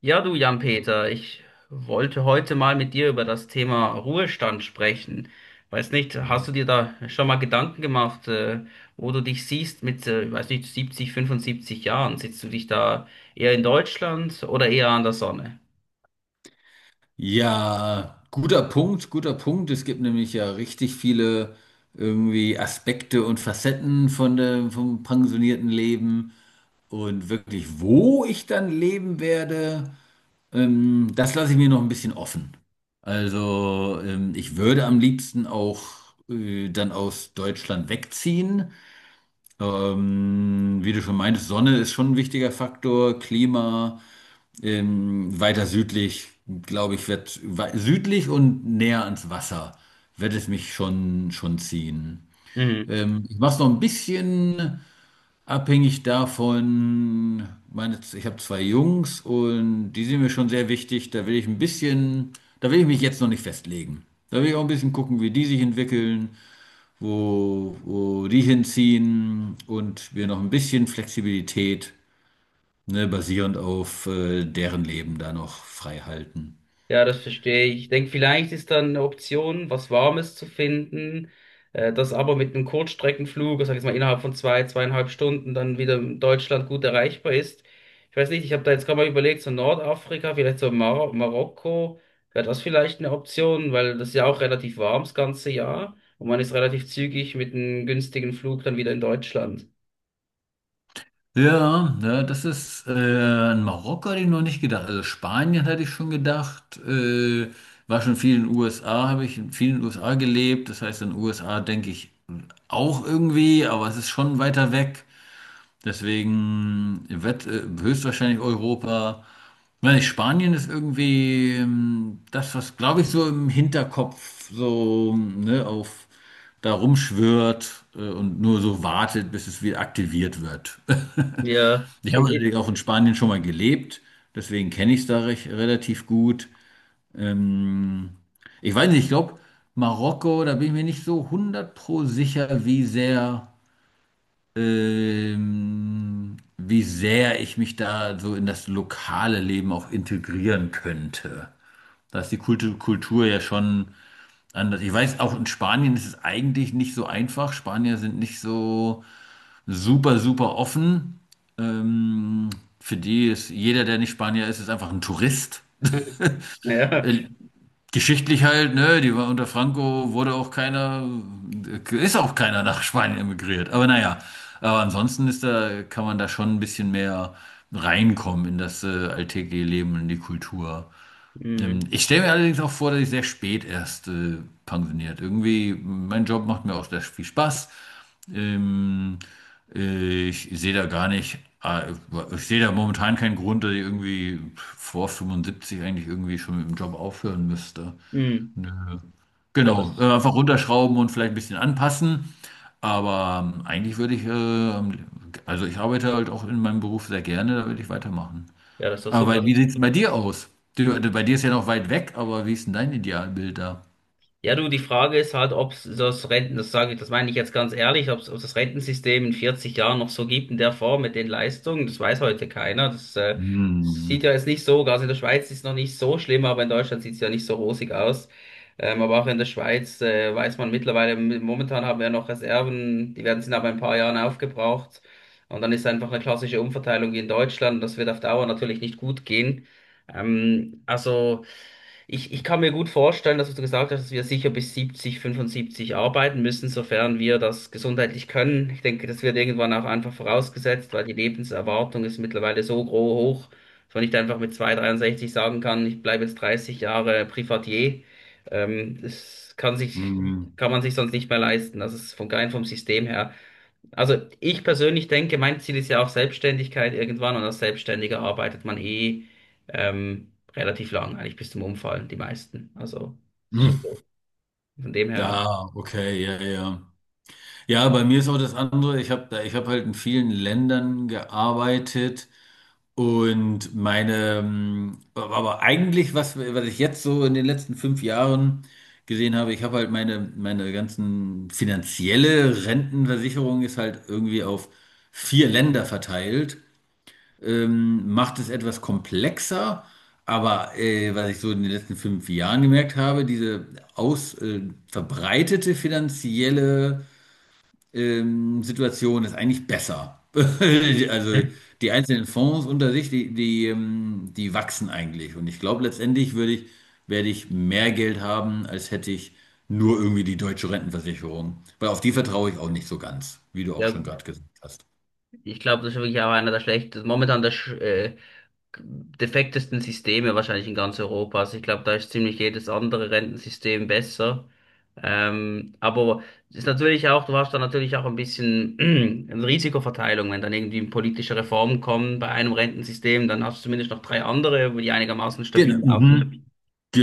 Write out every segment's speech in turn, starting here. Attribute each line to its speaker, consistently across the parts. Speaker 1: Ja, du Jan-Peter, ich wollte heute mal mit dir über das Thema Ruhestand sprechen. Weiß nicht, hast du dir da schon mal Gedanken gemacht, wo du dich siehst mit, ich weiß nicht, 70, 75 Jahren? Sitzt du dich da eher in Deutschland oder eher an der Sonne?
Speaker 2: Ja, guter Punkt, guter Punkt. Es gibt nämlich ja richtig viele irgendwie Aspekte und Facetten vom pensionierten Leben. Und wirklich, wo ich dann leben werde, das lasse ich mir noch ein bisschen offen. Also, ich würde am liebsten auch dann aus Deutschland wegziehen. Wie du schon meintest, Sonne ist schon ein wichtiger Faktor. Klima, weiter südlich, glaube ich, wird südlich und näher ans Wasser wird es mich schon ziehen.
Speaker 1: Mhm.
Speaker 2: Ich mache es noch ein bisschen abhängig davon. Meine, ich habe zwei Jungs und die sind mir schon sehr wichtig. Da will ich mich jetzt noch nicht festlegen. Da will ich auch ein bisschen gucken, wie die sich entwickeln, wo die hinziehen, und wir noch ein bisschen Flexibilität, ne, basierend auf deren Leben da noch frei halten.
Speaker 1: Ja, das verstehe ich. Ich denke, vielleicht ist dann eine Option, was Warmes zu finden, das aber mit einem Kurzstreckenflug, sag ich jetzt mal innerhalb von zwei, zweieinhalb Stunden dann wieder in Deutschland gut erreichbar ist. Ich weiß nicht, ich habe da jetzt gerade mal überlegt, so Nordafrika, vielleicht so Marokko, wäre das vielleicht eine Option, weil das ist ja auch relativ warm das ganze Jahr und man ist relativ zügig mit einem günstigen Flug dann wieder in Deutschland.
Speaker 2: Ja, ja, das ist an Marokko hatte ich noch nicht gedacht. Also Spanien hatte ich schon gedacht. War schon viel in den USA, habe ich in vielen USA gelebt. Das heißt, in den USA denke ich auch irgendwie, aber es ist schon weiter weg. Deswegen wird höchstwahrscheinlich Europa. Ich meine, Spanien ist irgendwie das, was, glaube ich, so im Hinterkopf so, ne, auf da rumschwirrt und nur so wartet, bis es wieder aktiviert wird.
Speaker 1: Ja,
Speaker 2: Ich habe
Speaker 1: ich- ich-
Speaker 2: natürlich auch in Spanien schon mal gelebt, deswegen kenne ich es da relativ gut. Ich weiß nicht, ich glaube, Marokko, da bin ich mir nicht so 100 pro sicher, wie sehr ich mich da so in das lokale Leben auch integrieren könnte. Da ist die Kultur ja schon anders. Ich weiß, auch in Spanien ist es eigentlich nicht so einfach. Spanier sind nicht so super, super offen. Ähm, für die ist jeder, der nicht Spanier ist, ist einfach ein Tourist.
Speaker 1: Ja,
Speaker 2: Äh, Geschichtlich halt, ne, die war unter Franco, wurde auch keiner, ist auch keiner nach Spanien emigriert. Aber naja, aber ansonsten kann man da schon ein bisschen mehr reinkommen in das alltägliche Leben, in die Kultur.
Speaker 1: mm,
Speaker 2: Ich stelle mir allerdings auch vor, dass ich sehr spät erst pensioniert. Irgendwie, mein Job macht mir auch sehr viel Spaß. Ähm, Ich sehe da gar nicht, äh, ich sehe da momentan keinen Grund, dass ich irgendwie vor 75 eigentlich irgendwie schon mit dem Job aufhören müsste.
Speaker 1: mm. Ja,
Speaker 2: Genau,
Speaker 1: das,
Speaker 2: einfach runterschrauben und vielleicht ein bisschen anpassen. Aber eigentlich also ich arbeite halt auch in meinem Beruf sehr gerne, da würde ich weitermachen.
Speaker 1: ja, das ist doch
Speaker 2: Aber
Speaker 1: super.
Speaker 2: wie sieht es bei dir aus? Bei dir ist ja noch weit weg, aber wie ist denn dein Idealbild da?
Speaker 1: Ja, du, die Frage ist halt, ob das sage ich, das meine ich jetzt ganz ehrlich, ob das Rentensystem in 40 Jahren noch so gibt in der Form mit den Leistungen, das weiß heute keiner. Das sieht ja
Speaker 2: Hm.
Speaker 1: jetzt nicht so, also in der Schweiz ist es noch nicht so schlimm, aber in Deutschland sieht es ja nicht so rosig aus. Aber auch in der Schweiz weiß man mittlerweile, momentan haben wir noch Reserven, die werden sind aber in ein paar Jahren aufgebraucht. Und dann ist einfach eine klassische Umverteilung wie in Deutschland, das wird auf Dauer natürlich nicht gut gehen. Ähm, also. Ich kann mir gut vorstellen, dass du gesagt hast, dass wir sicher bis 70, 75 arbeiten müssen, sofern wir das gesundheitlich können. Ich denke, das wird irgendwann auch einfach vorausgesetzt, weil die Lebenserwartung ist mittlerweile so hoch, dass man nicht einfach mit 2, 63 sagen kann, ich bleibe jetzt 30 Jahre Privatier. Das kann
Speaker 2: Hm.
Speaker 1: kann man sich sonst nicht mehr leisten. Das ist von rein vom System her. Also ich persönlich denke, mein Ziel ist ja auch Selbstständigkeit irgendwann und als Selbstständiger arbeitet man eh relativ lang, eigentlich bis zum Umfallen, die meisten. Also ist schon
Speaker 2: Hm.
Speaker 1: so. Von dem her,
Speaker 2: Ja, okay, ja, ja. Ja, bei mir ist auch das andere. Ich habe halt in vielen Ländern gearbeitet, und aber eigentlich, was ich jetzt so in den letzten 5 Jahren gesehen habe, ich habe halt meine ganzen finanzielle Rentenversicherung ist halt irgendwie auf 4 Länder verteilt, macht es etwas komplexer. Aber was ich so in den letzten fünf Jahren gemerkt habe, diese aus, äh, verbreitete finanzielle Situation ist eigentlich besser. Also
Speaker 1: hm?
Speaker 2: die einzelnen Fonds unter sich, die wachsen eigentlich. Und ich glaube, letztendlich werde ich mehr Geld haben, als hätte ich nur irgendwie die deutsche Rentenversicherung. Weil auf die vertraue ich auch nicht so ganz, wie du auch
Speaker 1: Ja,
Speaker 2: schon gerade gesagt hast.
Speaker 1: ich glaube, das ist wirklich auch einer der schlechtesten, momentan der defektesten Systeme wahrscheinlich in ganz Europa. Also ich glaube, da ist ziemlich jedes andere Rentensystem besser. Aber es ist natürlich auch, du hast da natürlich auch ein bisschen eine Risikoverteilung, wenn dann irgendwie politische Reformen kommen bei einem Rentensystem, dann hast du zumindest noch drei andere, die einigermaßen
Speaker 2: Genau.
Speaker 1: stabil laufen.
Speaker 2: Mhm.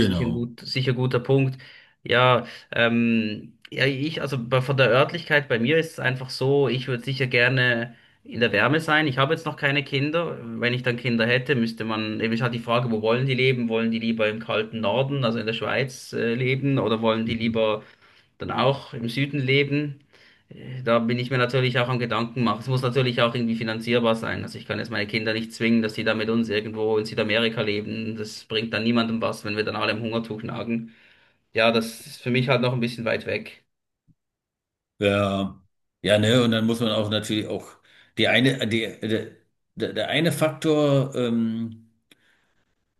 Speaker 1: Sicher sicher guter Punkt. Ja, ja, ich, also von der Örtlichkeit bei mir ist es einfach so, ich würde sicher gerne in der Wärme sein. Ich habe jetzt noch keine Kinder. Wenn ich dann Kinder hätte, müsste man, eben ist halt die Frage, wo wollen die leben? Wollen die lieber im kalten Norden, also in der Schweiz, leben oder wollen die
Speaker 2: Mhm.
Speaker 1: lieber dann auch im Süden leben. Da bin ich mir natürlich auch am Gedanken machen. Es muss natürlich auch irgendwie finanzierbar sein. Also ich kann jetzt meine Kinder nicht zwingen, dass die da mit uns irgendwo in Südamerika leben. Das bringt dann niemandem was, wenn wir dann alle im Hungertuch nagen. Ja, das ist für mich halt noch ein bisschen weit weg.
Speaker 2: Ja. Ja, ne, und dann muss man auch natürlich auch die eine, die, der, der der eine Faktor,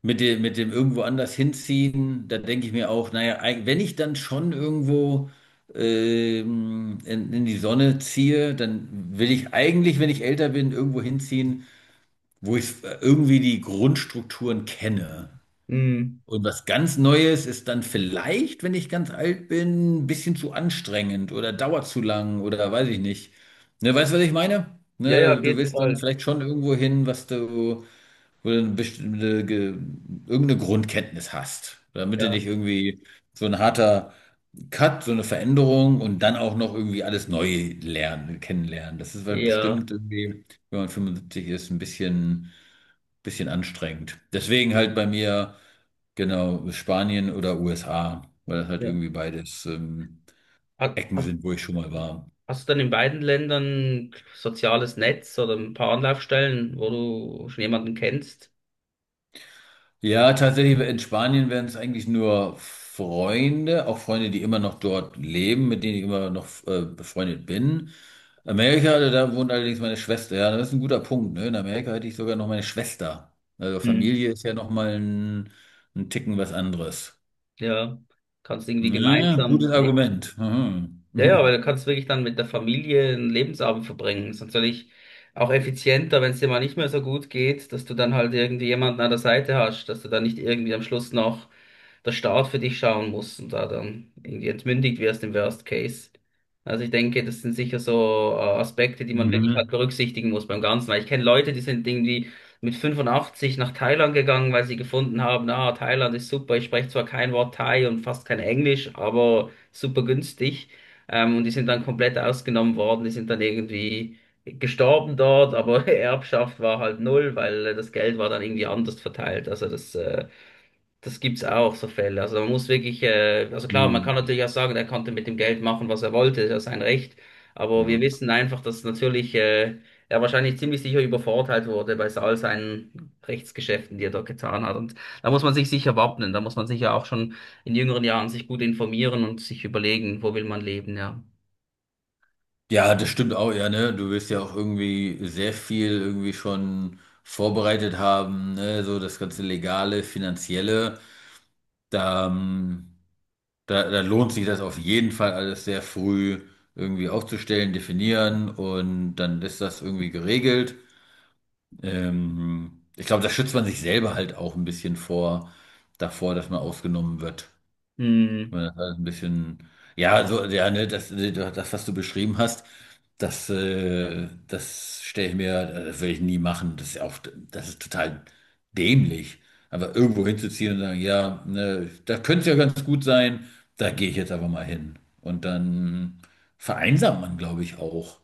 Speaker 2: mit dem irgendwo anders hinziehen, da denke ich mir auch, naja, wenn ich dann schon irgendwo in die Sonne ziehe, dann will ich eigentlich, wenn ich älter bin, irgendwo hinziehen, wo ich irgendwie die Grundstrukturen kenne.
Speaker 1: Hm.
Speaker 2: Und was ganz Neues ist dann vielleicht, wenn ich ganz alt bin, ein bisschen zu anstrengend oder dauert zu lang oder weiß ich nicht. Ne, weißt du, was ich meine?
Speaker 1: Ja, ja,
Speaker 2: Ne,
Speaker 1: auf
Speaker 2: du
Speaker 1: jeden
Speaker 2: willst dann
Speaker 1: Fall.
Speaker 2: vielleicht schon irgendwo hin, was du wo du eine irgendeine Grundkenntnis hast, damit du
Speaker 1: Ja,
Speaker 2: nicht irgendwie so ein harter Cut, so eine Veränderung und dann auch noch irgendwie alles neu lernen, kennenlernen. Das ist halt
Speaker 1: ja,
Speaker 2: bestimmt irgendwie, wenn man 75 ist, ein bisschen anstrengend. Deswegen halt bei mir, genau, Spanien oder USA, weil das halt
Speaker 1: ja.
Speaker 2: irgendwie beides
Speaker 1: Ha-
Speaker 2: Ecken
Speaker 1: Hast,
Speaker 2: sind, wo ich schon mal war.
Speaker 1: hast du dann in beiden Ländern soziales Netz oder ein paar Anlaufstellen, wo du schon jemanden kennst?
Speaker 2: Ja, tatsächlich, in Spanien wären es eigentlich nur Freunde, auch Freunde, die immer noch dort leben, mit denen ich immer noch befreundet bin. Amerika, also da wohnt allerdings meine Schwester. Ja, das ist ein guter Punkt, ne? In Amerika hätte ich sogar noch meine Schwester. Also
Speaker 1: Hm.
Speaker 2: Familie ist ja noch mal ein Ticken was anderes.
Speaker 1: Ja, kannst irgendwie
Speaker 2: Ja,
Speaker 1: gemeinsam
Speaker 2: gutes
Speaker 1: leben.
Speaker 2: Argument. Mhm.
Speaker 1: Ja, ja, weil du kannst wirklich dann mit der Familie einen Lebensabend verbringen. Ist natürlich auch effizienter, wenn es dir mal nicht mehr so gut geht, dass du dann halt irgendwie jemanden an der Seite hast, dass du dann nicht irgendwie am Schluss noch der Staat für dich schauen musst und da dann irgendwie entmündigt wirst im Worst Case. Also ich denke, das sind sicher so Aspekte, die man wirklich halt
Speaker 2: Mhm.
Speaker 1: berücksichtigen muss beim Ganzen. Weil ich kenne Leute, die sind irgendwie mit 85 nach Thailand gegangen, weil sie gefunden haben, ah, Thailand ist super, ich spreche zwar kein Wort Thai und fast kein Englisch, aber super günstig. Und die sind dann komplett ausgenommen worden, die sind dann irgendwie gestorben dort, aber Erbschaft war halt null, weil das Geld war dann irgendwie anders verteilt. Also das gibt's auch, so Fälle. Also man muss wirklich, also klar, man kann
Speaker 2: Mhm.
Speaker 1: natürlich auch sagen, er konnte mit dem Geld machen, was er wollte, das ist ja sein Recht. Aber wir
Speaker 2: Ja.
Speaker 1: wissen einfach, dass natürlich er wahrscheinlich ziemlich sicher übervorteilt wurde bei all seinen Rechtsgeschäften, die er dort getan hat. Und da muss man sich sicher wappnen, da muss man sicher auch schon in jüngeren Jahren sich gut informieren und sich überlegen, wo will man leben, ja.
Speaker 2: Ja, das stimmt auch, ja, ne? Du wirst ja auch irgendwie sehr viel irgendwie schon vorbereitet haben, ne? So das ganze Legale, Finanzielle. Da, ähm, da lohnt sich das auf jeden Fall alles sehr früh irgendwie aufzustellen, definieren, und dann ist das irgendwie geregelt. Ich glaube, da schützt man sich selber halt auch ein bisschen davor, dass man ausgenommen wird.
Speaker 1: Hm,
Speaker 2: Ja, das war ein bisschen, ja, so, ja, ne, was du beschrieben hast, das stelle ich mir, das will ich nie machen. Das ist total dämlich. Aber irgendwo hinzuziehen und sagen, ja, ne, da könnte es ja ganz gut sein, da gehe ich jetzt aber mal hin. Und dann vereinsamt man, glaube ich, auch.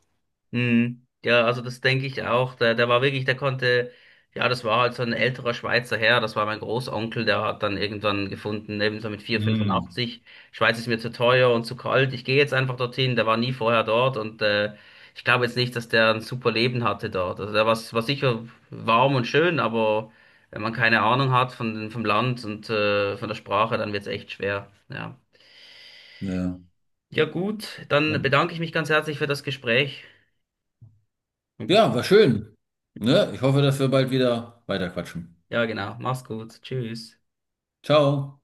Speaker 1: hm. Ja, also das denke ich auch. Der war wirklich, der konnte, ja, das war halt so ein älterer Schweizer Herr, das war mein Großonkel, der hat dann irgendwann gefunden, eben so mit vier Komma
Speaker 2: Hm.
Speaker 1: fünfundachtzig Schweiz ist mir zu teuer und zu kalt, ich gehe jetzt einfach dorthin, der war nie vorher dort und ich glaube jetzt nicht, dass der ein super Leben hatte dort. Also war sicher warm und schön, aber wenn man keine Ahnung hat vom Land und von der Sprache, dann wird es echt schwer. Ja.
Speaker 2: Ja.
Speaker 1: Ja, gut, dann bedanke ich mich ganz herzlich für das Gespräch und bis
Speaker 2: Ja,
Speaker 1: dann.
Speaker 2: war schön. Ne? Ich hoffe, dass wir bald wieder weiterquatschen.
Speaker 1: Ja, genau. Mach's gut. Tschüss.
Speaker 2: Ciao.